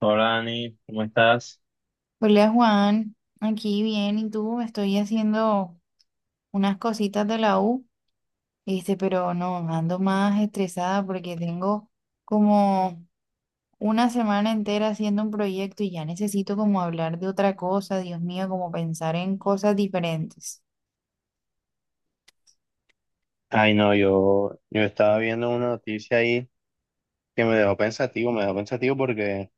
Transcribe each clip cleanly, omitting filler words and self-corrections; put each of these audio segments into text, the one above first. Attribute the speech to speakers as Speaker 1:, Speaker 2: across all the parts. Speaker 1: Hola Dani, ¿cómo estás?
Speaker 2: Hola Juan, aquí bien, ¿y tú? Estoy haciendo unas cositas de la U, pero no, ando más estresada porque tengo como una semana entera haciendo un proyecto y ya necesito como hablar de otra cosa, Dios mío, como pensar en cosas diferentes.
Speaker 1: Ay, no, yo estaba viendo una noticia ahí que me dejó pensativo porque,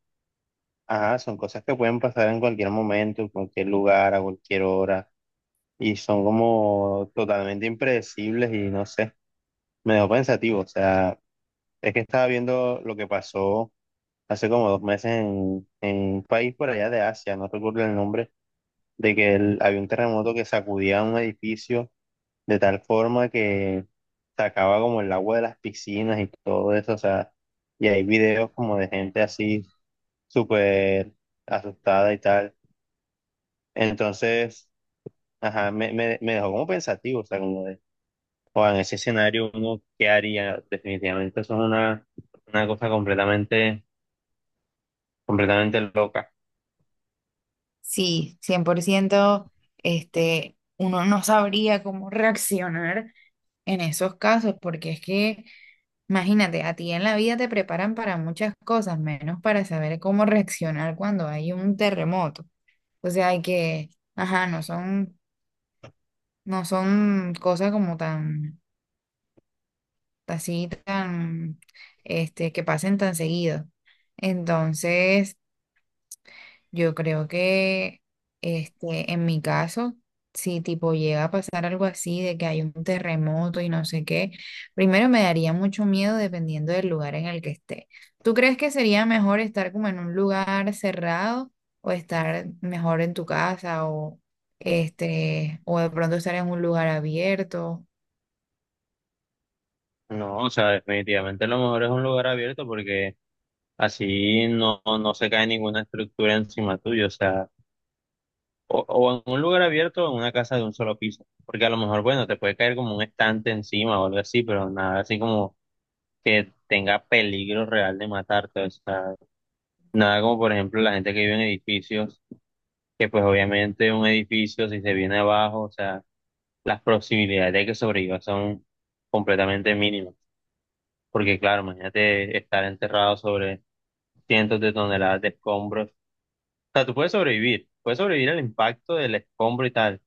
Speaker 1: ajá, son cosas que pueden pasar en cualquier momento, en cualquier lugar, a cualquier hora, y son como totalmente impredecibles y no sé, me dejó pensativo, o sea, es que estaba viendo lo que pasó hace como 2 meses en un país por allá de Asia, no recuerdo el nombre, de que había un terremoto que sacudía un edificio de tal forma que sacaba como el agua de las piscinas y todo eso, o sea, y hay videos como de gente así súper asustada y tal. Entonces, ajá, me dejó como pensativo, o sea, como de, o en ese escenario uno, ¿qué haría? Definitivamente eso es una cosa completamente, completamente loca.
Speaker 2: Sí, 100% uno no sabría cómo reaccionar en esos casos, porque es que, imagínate, a ti en la vida te preparan para muchas cosas, menos para saber cómo reaccionar cuando hay un terremoto. O sea, hay que, ajá, no son cosas como tan, así, tan, que pasen tan seguido. Entonces, yo creo que en mi caso, si tipo llega a pasar algo así de que hay un terremoto y no sé qué, primero me daría mucho miedo dependiendo del lugar en el que esté. ¿Tú crees que sería mejor estar como en un lugar cerrado o estar mejor en tu casa o de pronto estar en un lugar abierto?
Speaker 1: No, o sea, definitivamente lo mejor es un lugar abierto porque así no se cae ninguna estructura encima tuyo, o sea. O en un lugar abierto o en una casa de un solo piso. Porque a lo mejor, bueno, te puede caer como un estante encima o algo así, pero nada así como que tenga peligro real de matarte. O sea, nada como por ejemplo la gente que vive en edificios, que pues obviamente un edificio si se viene abajo, o sea, las posibilidades de que sobreviva son completamente mínimas. Porque claro, imagínate estar enterrado sobre cientos de toneladas de escombros. O sea, tú puedes sobrevivir al impacto del escombro y tal.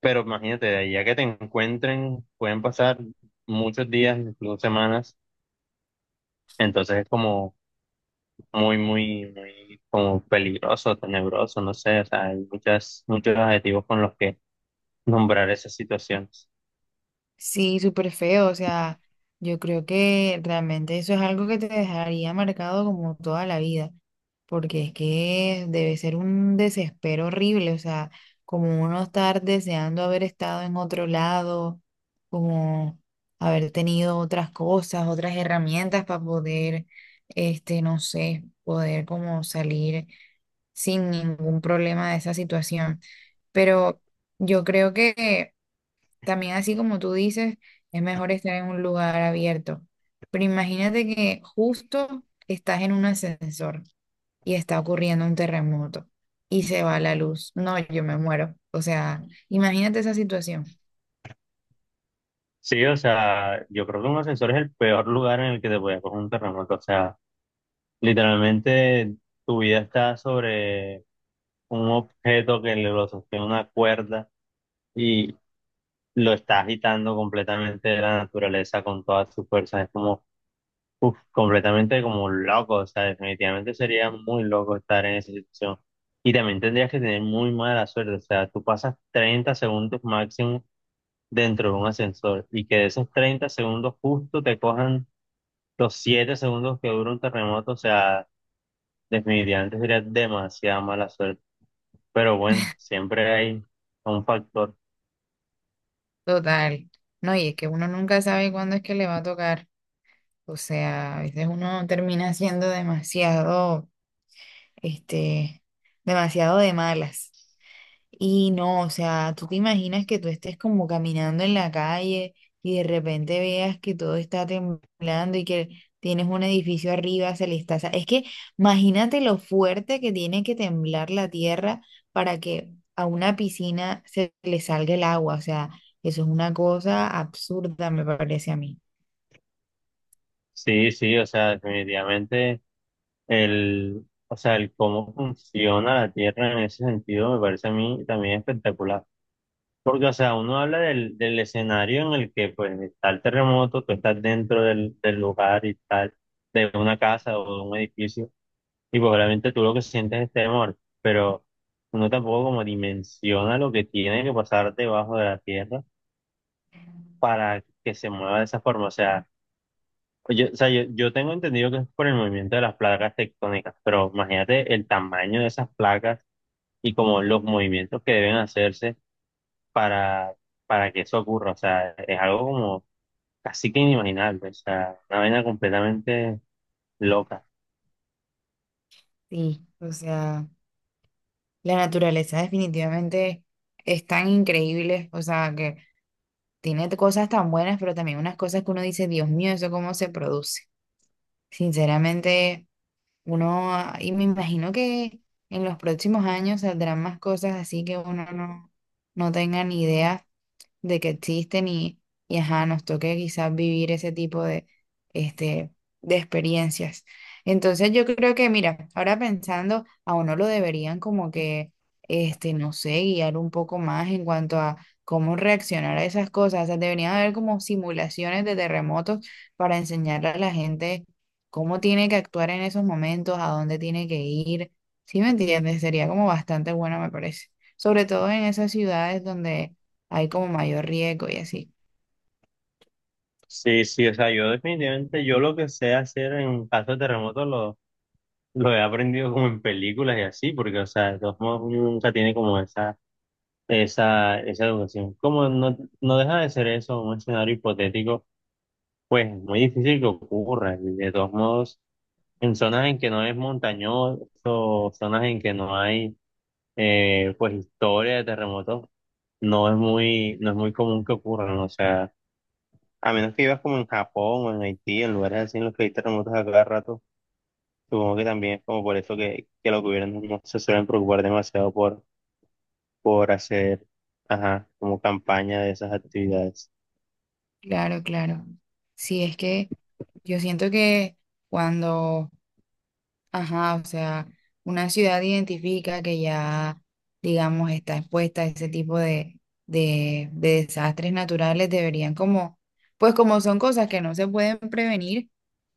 Speaker 1: Pero imagínate, de ya que te encuentren, pueden pasar muchos días, incluso semanas, entonces es como muy, muy, muy como peligroso, tenebroso, no sé, o sea, hay muchas, muchos adjetivos con los que nombrar esas situaciones.
Speaker 2: Sí, súper feo, o sea, yo creo que realmente eso es algo que te dejaría marcado como toda la vida, porque es que debe ser un desespero horrible, o sea, como uno estar deseando haber estado en otro lado, como haber tenido otras cosas, otras herramientas para poder, no sé, poder como salir sin ningún problema de esa situación, pero yo creo que también así como tú dices, es mejor estar en un lugar abierto. Pero imagínate que justo estás en un ascensor y está ocurriendo un terremoto y se va la luz. No, yo me muero. O sea, imagínate esa situación.
Speaker 1: Sí, o sea, yo creo que un ascensor es el peor lugar en el que te puede coger un terremoto, o sea, literalmente tu vida está sobre un objeto que lo sostiene una cuerda. Y lo está agitando completamente de la naturaleza con todas sus fuerzas. Es como, uf, completamente como un loco. O sea, definitivamente sería muy loco estar en esa situación. Y también tendrías que tener muy mala suerte. O sea, tú pasas 30 segundos máximo dentro de un ascensor y que de esos 30 segundos justo te cojan los 7 segundos que dura un terremoto. O sea, definitivamente sería demasiada mala suerte. Pero bueno, siempre hay un factor.
Speaker 2: Total. No, y es que uno nunca sabe cuándo es que le va a tocar. O sea, a veces uno termina siendo demasiado, este, demasiado de malas. Y no, o sea, tú te imaginas que tú estés como caminando en la calle y de repente veas que todo está temblando y que tienes un edificio arriba, se le está... sa- es que imagínate lo fuerte que tiene que temblar la tierra para que a una piscina se le salga el agua. O sea, eso es una cosa absurda, me parece a mí.
Speaker 1: Sí, sí, o sea, definitivamente. El, o sea, el cómo funciona la Tierra en ese sentido me parece a mí también espectacular. Porque, o sea, uno habla del escenario en el que pues está el terremoto, tú estás dentro del lugar y tal, de una casa o de un edificio, y pues obviamente tú lo que sientes es temor, pero uno tampoco como dimensiona lo que tiene que pasar debajo de la Tierra para que se mueva de esa forma. O sea, pues yo, o sea, yo tengo entendido que es por el movimiento de las placas tectónicas, pero imagínate el tamaño de esas placas y como los movimientos que deben hacerse para, para, que eso ocurra. O sea, es algo como casi que inimaginable, o sea, una vaina completamente loca.
Speaker 2: Sí, o sea, la naturaleza definitivamente es tan increíble, o sea, que... Tiene cosas tan buenas, pero también unas cosas que uno dice, Dios mío, ¿eso cómo se produce? Sinceramente, uno, y me imagino que en los próximos años saldrán más cosas así que uno no tenga ni idea de que existen y ajá, nos toque quizás vivir ese tipo de, este, de experiencias. Entonces yo creo que, mira, ahora pensando, a uno lo deberían como que, no sé, guiar un poco más en cuanto a cómo reaccionar a esas cosas. O sea, deberían haber como simulaciones de terremotos para enseñarle a la gente cómo tiene que actuar en esos momentos, a dónde tiene que ir. ¿Sí me entiendes? Sería como bastante bueno, me parece. Sobre todo en esas ciudades donde hay como mayor riesgo y así.
Speaker 1: Sí, sí, o sea, yo definitivamente, yo lo que sé hacer en caso de terremoto lo he aprendido como en películas y así, porque, o sea, de todos modos uno nunca tiene como esa, esa educación. Como no deja de ser eso, un escenario hipotético. Pues muy difícil que ocurra, y de todos modos, en zonas en que no es montañoso, zonas en que no hay pues historia de terremotos, no es muy, no es muy común que ocurran, o sea, a menos que vivas como en Japón o en Haití, en lugares así en los que hay terremotos a cada rato, supongo que también es como por eso que, los gobiernos no se suelen preocupar demasiado por hacer, ajá, como campaña de esas actividades.
Speaker 2: Claro, claro. Sí, es que yo siento que cuando ajá, o sea, una ciudad identifica que ya, digamos, está expuesta a ese tipo de, de desastres naturales, deberían como, pues como son cosas que no se pueden prevenir,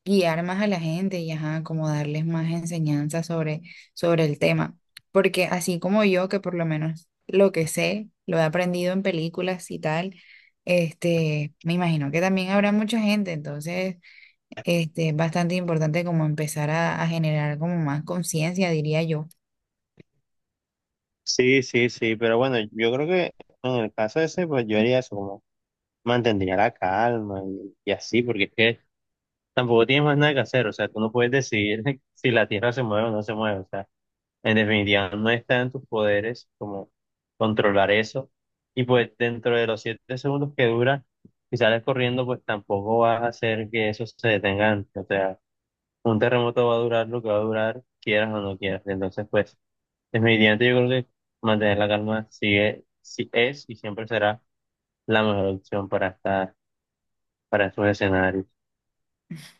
Speaker 2: guiar más a la gente y ajá, como darles más enseñanza sobre, sobre el tema. Porque así como yo, que por lo menos lo que sé, lo he aprendido en películas y tal, me imagino que también habrá mucha gente, entonces es bastante importante como empezar a generar como más conciencia, diría yo.
Speaker 1: Sí, sí, sí, pero bueno, yo creo que en el caso ese, pues yo haría eso, como mantendría la calma y así, porque es que tampoco tienes más nada que hacer, o sea, tú no puedes decidir si la Tierra se mueve o no se mueve, o sea, en definitiva no está en tus poderes como controlar eso, y pues dentro de los 7 segundos que dura, si sales corriendo, pues tampoco vas a hacer que eso se detenga antes, o sea, un terremoto va a durar lo que va a durar, quieras o no quieras, entonces pues, definitivamente yo creo que mantener la calma sigue, si es y siempre será la mejor opción para estar para esos escenarios.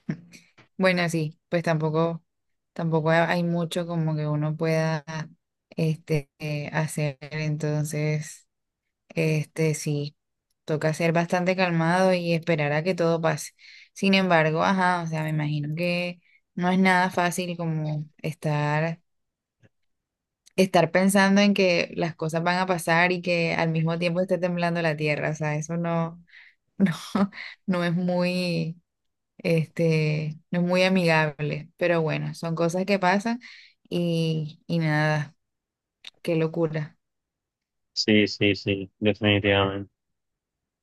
Speaker 2: Bueno, sí, pues tampoco, tampoco ha- hay mucho como que uno pueda hacer, entonces, sí, toca ser bastante calmado y esperar a que todo pase. Sin embargo, ajá, o sea, me imagino que no es nada fácil como estar pensando en que las cosas van a pasar y que al mismo tiempo esté temblando la tierra, o sea, eso no. No, no es muy, no es muy amigable, pero bueno, son cosas que pasan y nada, qué locura.
Speaker 1: Sí, sí, sí, definitivamente.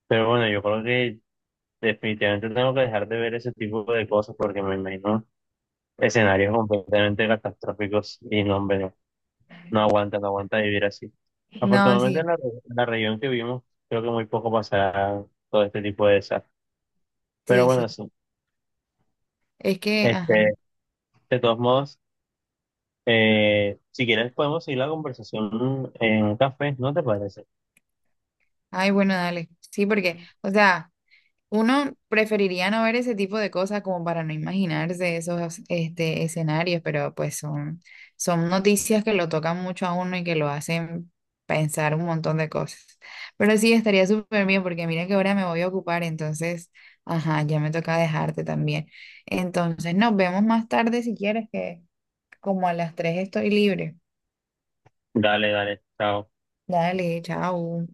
Speaker 1: Pero bueno, yo creo que definitivamente tengo que dejar de ver ese tipo de cosas porque me imagino escenarios completamente catastróficos y no, hombre, no, no aguanta, no aguanta vivir así.
Speaker 2: No,
Speaker 1: Afortunadamente en
Speaker 2: sí,
Speaker 1: la, en la región que vivimos, creo que muy poco pasará todo este tipo de desastres. Pero
Speaker 2: sí,
Speaker 1: bueno,
Speaker 2: sí,
Speaker 1: sí,
Speaker 2: es que, ajá,
Speaker 1: este, de todos modos, si quieres podemos seguir la conversación en un café, ¿no te parece?
Speaker 2: ay, bueno, dale, sí, porque, o sea... Uno preferiría no ver ese tipo de cosas como para no imaginarse esos escenarios, pero pues son noticias que lo tocan mucho a uno y que lo hacen pensar un montón de cosas. Pero sí, estaría súper bien porque mira que ahora me voy a ocupar, entonces, ajá, ya me toca dejarte también. Entonces, nos vemos más tarde si quieres, que como a las 3 estoy libre.
Speaker 1: Dale, dale, chao.
Speaker 2: Dale, chao.